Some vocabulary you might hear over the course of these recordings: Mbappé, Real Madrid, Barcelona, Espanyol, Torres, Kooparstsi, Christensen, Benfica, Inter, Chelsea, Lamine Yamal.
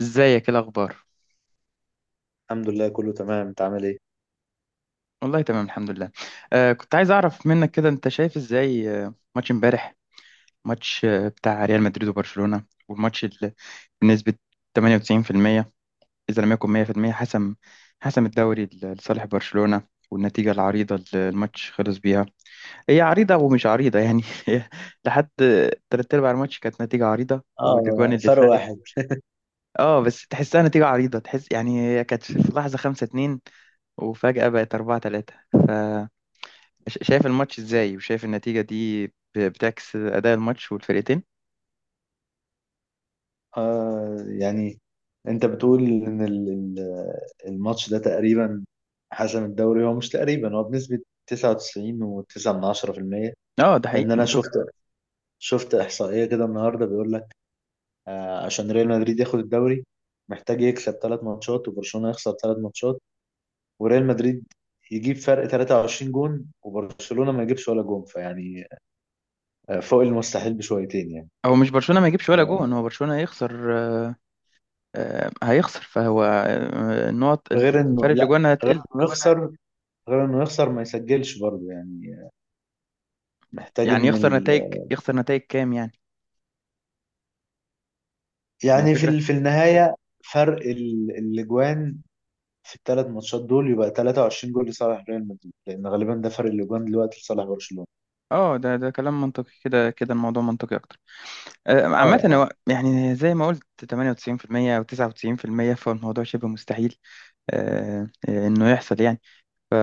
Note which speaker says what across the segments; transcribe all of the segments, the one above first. Speaker 1: ازيك، ايه الاخبار؟
Speaker 2: الحمد لله كله تمام، انت عامل ايه؟
Speaker 1: والله تمام الحمد لله. كنت عايز اعرف منك كده، انت شايف ازاي ماتش امبارح؟ ماتش بتاع ريال مدريد وبرشلونة، والماتش اللي بنسبة 98% اذا لم يكن 100% حسم، حسم الدوري لصالح برشلونة. والنتيجة العريضة اللي الماتش خلص بيها، هي عريضة ومش عريضة يعني. هي لحد تلات أرباع الماتش كانت نتيجة عريضة، والأجوان
Speaker 2: اه،
Speaker 1: اللي
Speaker 2: فرق
Speaker 1: اتلغت.
Speaker 2: واحد.
Speaker 1: اه، بس تحسها نتيجة عريضة، تحس يعني. هي كانت في لحظة خمسة اتنين وفجأة بقت أربعة تلاتة. شايف الماتش ازاي؟ وشايف النتيجة دي بتعكس أداء الماتش والفرقتين؟
Speaker 2: يعني انت بتقول ان الماتش ده تقريبا حسم الدوري؟ هو مش تقريبا، هو بنسبة 99.9%.
Speaker 1: اه ده
Speaker 2: لان
Speaker 1: حقيقي
Speaker 2: انا
Speaker 1: منطقي.
Speaker 2: شفت احصائية كده النهارده بيقول لك عشان ريال مدريد ياخد الدوري محتاج يكسب ثلاث ماتشات وبرشلونة يخسر ثلاث ماتشات وريال مدريد يجيب فرق 23 جون وبرشلونة ما يجيبش ولا جون، فيعني فوق المستحيل بشويتين يعني.
Speaker 1: هو مش برشلونة ما يجيبش ولا جون، هو برشلونة هيخسر، هيخسر. فهو النقط،
Speaker 2: غير
Speaker 1: الفرق
Speaker 2: انه
Speaker 1: اللي
Speaker 2: لا،
Speaker 1: جوانا
Speaker 2: غير انه
Speaker 1: هتقل.
Speaker 2: وانا يخسر، غير انه يخسر ما يسجلش برضه يعني. محتاج
Speaker 1: يعني
Speaker 2: ان
Speaker 1: يخسر نتائج، يخسر نتائج كام يعني؟ ما هي
Speaker 2: يعني في
Speaker 1: الفكرة.
Speaker 2: في النهاية فرق الاجوان في الثلاث ماتشات دول يبقى 23 جول لصالح ريال مدريد، لان غالبا ده فرق الاجوان دلوقتي لصالح برشلونة.
Speaker 1: اه ده ده كلام منطقي، كده كده الموضوع منطقي اكتر.
Speaker 2: اه،
Speaker 1: عامة
Speaker 2: اه،
Speaker 1: هو يعني زي ما قلت 98% او 99%، فالموضوع شبه مستحيل انه يحصل يعني. ف-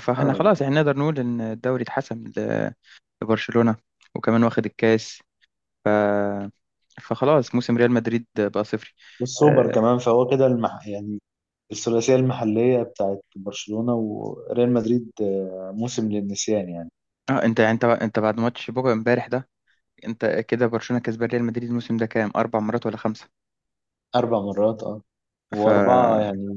Speaker 1: فاحنا
Speaker 2: اه.
Speaker 1: خلاص يعني نقدر نقول ان الدوري اتحسم لبرشلونة، وكمان واخد الكاس. ف... فخلاص موسم ريال مدريد بقى صفري.
Speaker 2: والسوبر
Speaker 1: اه.
Speaker 2: كمان، فهو كده يعني الثلاثية المحلية بتاعت برشلونة وريال مدريد، موسم للنسيان يعني.
Speaker 1: انت بعد ماتش بوجا امبارح ده، انت كده برشلونة كسبان ريال مدريد الموسم ده كام، اربع مرات ولا خمسة؟
Speaker 2: أربع مرات، اه. وأربعة
Speaker 1: فدخل.
Speaker 2: يعني،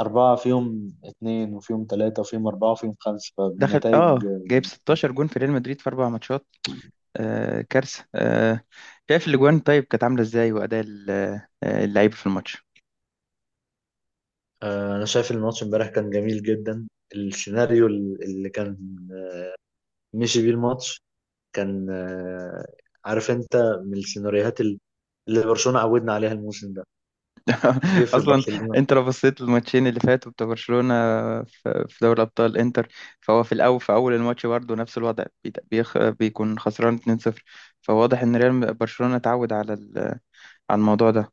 Speaker 2: أربعة فيهم اتنين وفيهم تلاتة وفيهم أربعة وفيهم خمسة، فالنتائج
Speaker 1: اه جايب 16 جون في ريال مدريد في اربع ماتشات. آه كارثة آه. شايف الاجوان طيب كانت عاملة ازاي، واداء اللعيبة في الماتش؟
Speaker 2: أنا شايف الماتش امبارح كان جميل جدا. السيناريو اللي كان مشي بيه الماتش كان عارف أنت، من السيناريوهات اللي برشلونة عودنا عليها الموسم ده، جه في
Speaker 1: اصلا
Speaker 2: برشلونة
Speaker 1: انت لو بصيت للماتشين اللي فاتوا بتاع برشلونه في دوري ابطال انتر، فهو في الاول، في اول الماتش برضه نفس الوضع بيكون خسران 2-0. فواضح ان ريال برشلونه اتعود على على الموضوع ده.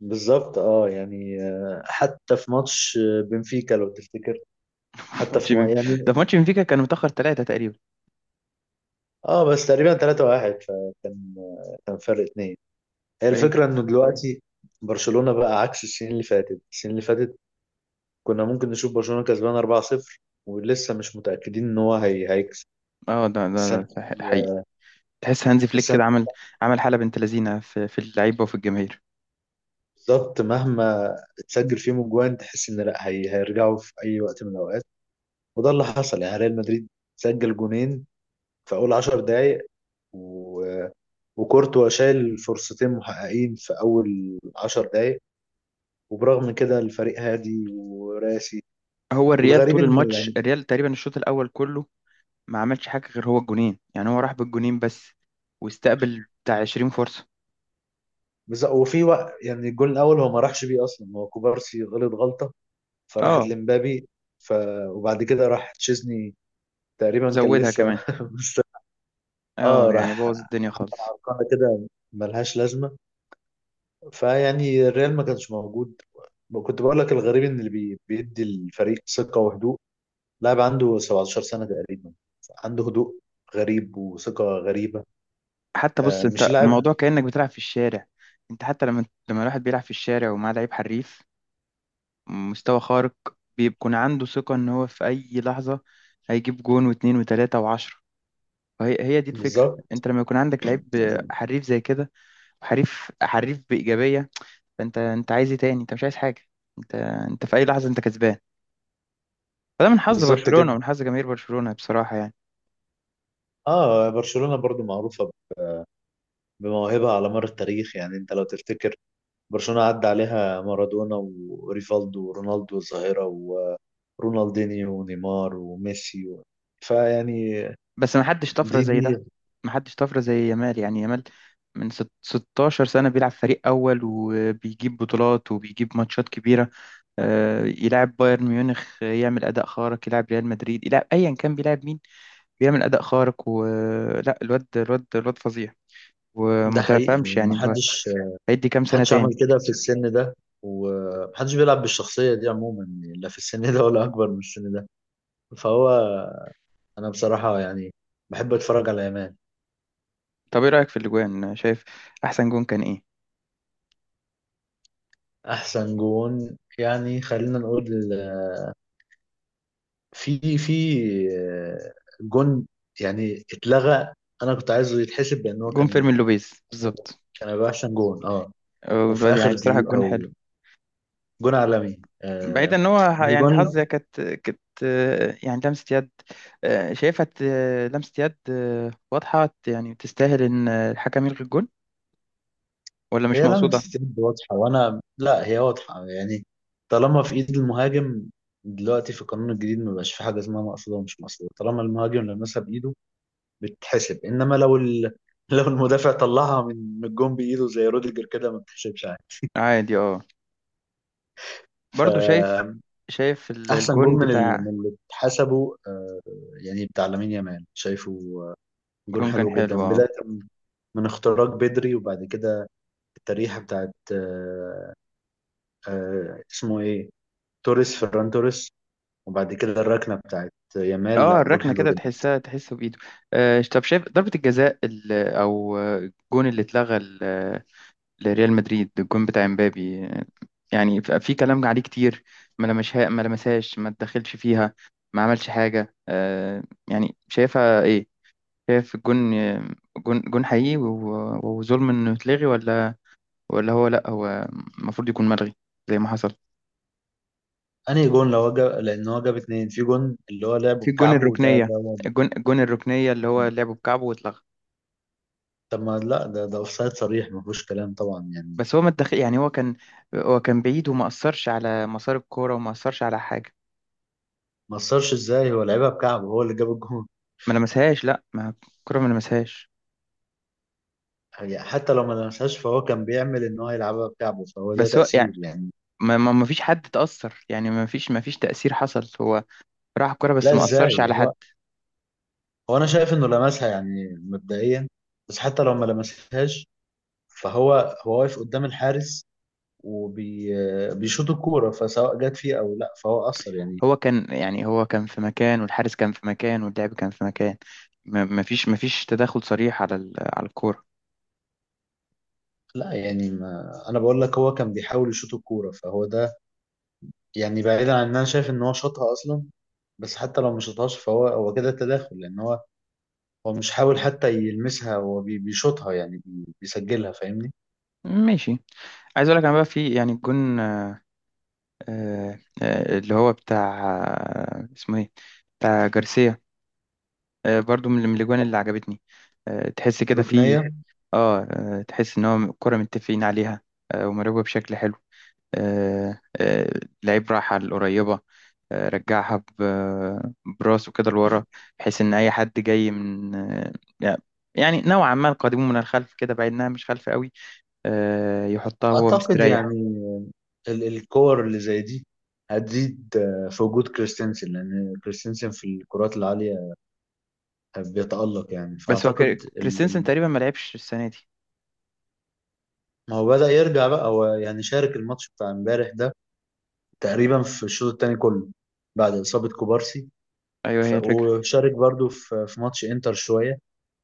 Speaker 2: بالظبط. اه يعني، حتى في ماتش بنفيكا لو تفتكر، حتى
Speaker 1: ماتش
Speaker 2: في ما
Speaker 1: بن-
Speaker 2: يعني،
Speaker 1: ده في ماتش بنفيكا كان متاخر ثلاثه تقريبا.
Speaker 2: اه، بس تقريبا 3-1 فكان كان فرق اتنين. هي
Speaker 1: أي-
Speaker 2: الفكرة انه دلوقتي برشلونة بقى عكس السنين اللي فاتت. السنين اللي فاتت كنا ممكن نشوف برشلونة كسبان 4-0 ولسه مش متأكدين ان هو هيكسب
Speaker 1: اه
Speaker 2: السنة
Speaker 1: حقيقي.
Speaker 2: دي.
Speaker 1: تحس هانزي فليك
Speaker 2: السنة دي
Speaker 1: كده عمل، عمل حاله بنت لذينه في اللعيبه وفي الجماهير.
Speaker 2: بالظبط، مهما تسجل فيهم اجوان تحس ان لا، هي هيرجعوا في اي وقت من الاوقات. وده اللي حصل يعني، ريال مدريد سجل جونين في اول 10 دقايق و... وكورتوا شايل فرصتين محققين في اول 10 دقايق، وبرغم كده الفريق هادي وراسي.
Speaker 1: هو الريال
Speaker 2: والغريب
Speaker 1: طول
Speaker 2: ان،
Speaker 1: الماتش، الريال تقريبا الشوط الاول كله ما عملش حاجة غير هو الجونين، يعني هو راح بالجونين بس، واستقبل بتاع 20 فرصة.
Speaker 2: بس وفي وقت يعني الجول الاول هو ما راحش بيه اصلا، هو كوبارسي غلط غلطه فراحت
Speaker 1: اه
Speaker 2: لمبابي. ف وبعد كده راح تشيزني تقريبا كان
Speaker 1: زودها
Speaker 2: لسه
Speaker 1: كمان.
Speaker 2: اه،
Speaker 1: اه يعني
Speaker 2: راح
Speaker 1: بوظ الدنيا خالص.
Speaker 2: قناه كده ملهاش لازمه، فيعني الريال ما كانش موجود. كنت بقول لك الغريب ان اللي بيدي الفريق ثقه وهدوء لاعب عنده 17 سنه تقريبا، عنده هدوء غريب وثقه غريبه.
Speaker 1: حتى بص،
Speaker 2: آه، مش
Speaker 1: انت
Speaker 2: لاعب.
Speaker 1: الموضوع كأنك بتلعب في الشارع. انت حتى لما الواحد بيلعب في الشارع ومعاه لعيب حريف، مستوى خارق، بيكون عنده ثقة ان هو في اي لحظة هيجيب جون واتنين وتلاتة وعشرة. وهي هي دي الفكرة.
Speaker 2: بالظبط.
Speaker 1: انت لما يكون عندك لعيب حريف زي كده، وحريف بإيجابية، فانت عايز ايه تاني؟ انت مش عايز حاجة. انت، انت في اي لحظة انت كسبان. فده من حظ
Speaker 2: بالظبط
Speaker 1: برشلونة
Speaker 2: كده.
Speaker 1: ومن حظ جماهير برشلونة بصراحة يعني.
Speaker 2: اه، برشلونه برضو معروفه بموهبة على مر التاريخ. يعني انت لو تفتكر، برشلونة عدى عليها مارادونا وريفالدو ورونالدو الظاهرة ورونالدينيو ونيمار وميسي و... فيعني
Speaker 1: بس ما حدش طفرة
Speaker 2: دي
Speaker 1: زي
Speaker 2: دي
Speaker 1: ده، ما حدش طفرة زي يامال. يعني يامال من 16 سنة بيلعب فريق أول، وبيجيب بطولات وبيجيب ماتشات كبيرة. يلعب بايرن ميونخ يعمل أداء خارق، يلعب ريال مدريد، يلعب أيا كان، بيلعب مين بيعمل أداء خارق. ولا الواد، الواد فظيع. وما
Speaker 2: ده حقيقي.
Speaker 1: تفهمش يعني انت
Speaker 2: محدش،
Speaker 1: هيدي كام سنة
Speaker 2: محدش
Speaker 1: تاني.
Speaker 2: عمل كده في السن ده، ومحدش بيلعب بالشخصية دي عموما يعني، لا في السن ده ولا أكبر من السن ده. فهو أنا بصراحة يعني بحب أتفرج على يامال.
Speaker 1: طب ايه رأيك في الأجوان؟ شايف أحسن جون كان ايه؟
Speaker 2: أحسن جون يعني خلينا نقول، في آه، جون يعني اتلغى، انا كنت عايزه يتحسب لان هو
Speaker 1: جون فيرمين
Speaker 2: كان،
Speaker 1: لوبيز بالظبط.
Speaker 2: كان هيبقى احسن جون اه. وفي
Speaker 1: الواد
Speaker 2: اخر
Speaker 1: يعني بصراحة الجون
Speaker 2: دقيقه
Speaker 1: حلو.
Speaker 2: وجون عالمي، آه
Speaker 1: بعيدا ان هو يعني
Speaker 2: الجون.
Speaker 1: حظ، هي كانت يعني لمسة يد. شايفها لمسة يد واضحة، يعني تستاهل ان الحكم يلغي الجون، ولا مش
Speaker 2: هي
Speaker 1: مقصودة؟
Speaker 2: لمسه يد واضحه، وانا لا هي واضحه يعني. طالما في ايد المهاجم دلوقتي في القانون الجديد ما بقاش في حاجه اسمها مقصوده ومش مقصوده، طالما المهاجم لمسها بايده بتتحسب. انما لو لو المدافع طلعها من الجون بايده زي روديجر كده ما بتحسبش عادي.
Speaker 1: عادي اه.
Speaker 2: ف
Speaker 1: برضو شايف، شايف
Speaker 2: احسن جون
Speaker 1: الجون
Speaker 2: من من
Speaker 1: بتاع،
Speaker 2: اللي اتحسبوا، يعني بتاع لامين يامال شايفه، آه، جون
Speaker 1: الجون كان
Speaker 2: حلو
Speaker 1: حلو
Speaker 2: جدا،
Speaker 1: اه.
Speaker 2: بدايه من اختراق بدري، وبعد كده التريحه بتاعت اسمه ايه، توريس، فران توريس، وبعد كده الركنه بتاعت يامال،
Speaker 1: اه
Speaker 2: لا جون
Speaker 1: الركنة
Speaker 2: حلو
Speaker 1: كده
Speaker 2: جدا.
Speaker 1: تحسها، تحسه بإيده. طب شايف ضربة الجزاء او الجون اللي اتلغى لريال مدريد، الجون بتاع امبابي؟ يعني في كلام عليه كتير. ما لمسها، ما لمسهاش، ما اتدخلش فيها، ما عملش حاجة. يعني شايفها ايه؟ شايف الجون، جون جون حقيقي وظلم انه يتلغي، ولا، ولا هو، لا هو المفروض يكون ملغي زي ما حصل؟
Speaker 2: انهي جون لو هو جاب، لان هو جاب اتنين. في جون اللي هو لعبه
Speaker 1: في الجون
Speaker 2: بكعبه،
Speaker 1: الركنية، الجون الركنية اللي هو لعبه بكعبه واتلغى.
Speaker 2: طب ما لا، ده ده اوفسايد صريح ما فيهوش كلام طبعا يعني.
Speaker 1: بس هو ما اتدخل يعني. هو كان، هو كان بعيد وما أثرش على مسار الكورة وما أثرش على حاجة.
Speaker 2: ما اثرش ازاي؟ هو لعبها بكعبه هو اللي جاب الجون.
Speaker 1: ما لمسهاش، لا ما الكورة ما لمسهاش.
Speaker 2: هي حتى لو ما لمسهاش فهو كان بيعمل ان هو يلعبها بكعبه، فهو ده
Speaker 1: بس هو
Speaker 2: تأثير يعني.
Speaker 1: ما فيش حد تأثر يعني، ما فيش تأثير حصل. هو راح الكرة بس
Speaker 2: لا
Speaker 1: ما
Speaker 2: ازاي،
Speaker 1: أثرش على حد.
Speaker 2: هو انا شايف انه لمسها يعني مبدئيا، بس حتى لو ما لمسهاش هو واقف قدام الحارس وبيشوط الكورة، فسواء جت فيه او لا فهو أثر يعني.
Speaker 1: هو كان، يعني هو كان في مكان، والحارس كان في مكان، واللاعب كان في مكان. ما فيش، ما فيش تدخل صريح على على الكورة.
Speaker 2: لا يعني ما انا بقول لك هو كان بيحاول يشوط الكورة، فهو ده يعني، بعيدا عن ان انا شايف ان هو شاطها اصلا، بس حتى لو ما شاطهاش فهو هو كده تداخل، لان هو هو مش حاول حتى يلمسها، هو بيشوطها يعني، بيسجلها، فاهمني.
Speaker 1: ماشي. عايز اقول لك انا بقى في، يعني الجون اللي هو بتاع اسمه ايه، بتاع جارسيا، برضو من الاجوان اللي عجبتني. تحس كده في،
Speaker 2: ركنية.
Speaker 1: اه تحس ان هو الكرة متفقين عليها ومراقبة بشكل حلو. آه، آه، لعيب راح على القريبة، رجعها براسه كده لورا، بحيث إن أي حد جاي من يعني يعني نوعا ما قادمون من الخلف كده، بعيدناها، مش خلف قوي، يحطها وهو
Speaker 2: أعتقد
Speaker 1: مستريح.
Speaker 2: يعني الكور اللي زي دي هتزيد في وجود كريستنسن، لأن كريستنسن في الكرات العالية بيتألق يعني.
Speaker 1: بس هو
Speaker 2: فأعتقد
Speaker 1: كريستنسن تقريبا ما لعبش السنة دي.
Speaker 2: ما هو بدأ يرجع بقى هو، يعني شارك الماتش بتاع امبارح ده تقريبا في الشوط التاني كله بعد إصابة كوبارسي.
Speaker 1: أيوه هي الفكرة.
Speaker 2: وشارك برضو في ماتش إنتر شوية،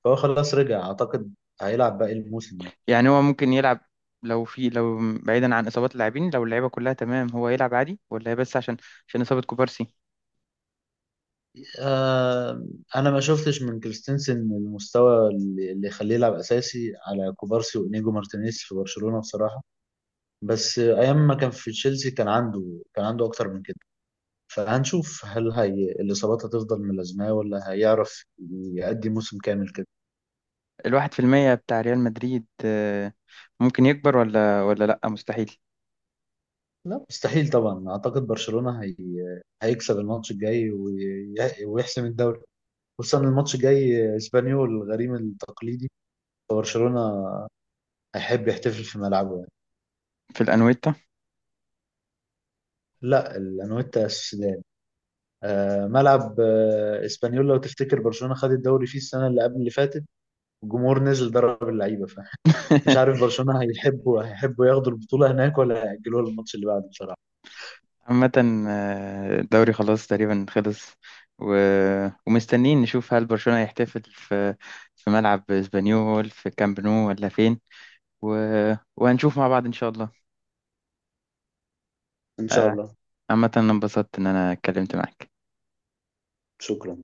Speaker 2: فهو خلاص رجع، أعتقد هيلعب باقي الموسم يعني.
Speaker 1: يعني هو ممكن يلعب، لو في، لو بعيدا عن إصابات اللاعبين، لو اللعيبة كلها تمام هو يلعب عادي، ولا هي بس عشان، عشان إصابة كوبارسي؟
Speaker 2: آه، انا ما شفتش من كريستنسن المستوى اللي يخليه يلعب اساسي على كوبارسي وانيجو مارتينيز في برشلونة بصراحة. بس ايام ما كان في تشيلسي كان عنده، كان عنده اكتر من كده. فهنشوف هل هي الاصابات هتفضل ملازماه ولا هيعرف يأدي موسم كامل كده.
Speaker 1: الواحد في المية بتاع ريال مدريد ممكن يكبر، ولا لأ مستحيل؟
Speaker 2: لا مستحيل طبعا، اعتقد برشلونة هيكسب الماتش الجاي ويحسم الدوري، خصوصا الماتش الجاي اسبانيول الغريم التقليدي، فبرشلونة هيحب يحتفل في ملعبه.
Speaker 1: في الأنويتا.
Speaker 2: لا، الانويتا السودان. آه، ملعب آه اسبانيول لو تفتكر برشلونه خد الدوري فيه السنه اللي قبل اللي فاتت، الجمهور نزل ضرب اللعيبه فمش عارف برشلونه هيحبوا، هيحبوا ياخدوا البطوله هناك ولا هيأجلوها للماتش اللي بعده بصراحه.
Speaker 1: عامة الدوري خلاص تقريبا خلص. و... ومستنيين نشوف هل برشلونة هيحتفل في، في ملعب اسبانيول، في كامب نو، ولا فين. و... وهنشوف مع بعض إن شاء الله.
Speaker 2: ان شاء
Speaker 1: آه،
Speaker 2: الله.
Speaker 1: عامة أنا انبسطت إن أنا اتكلمت معاك.
Speaker 2: شكرا.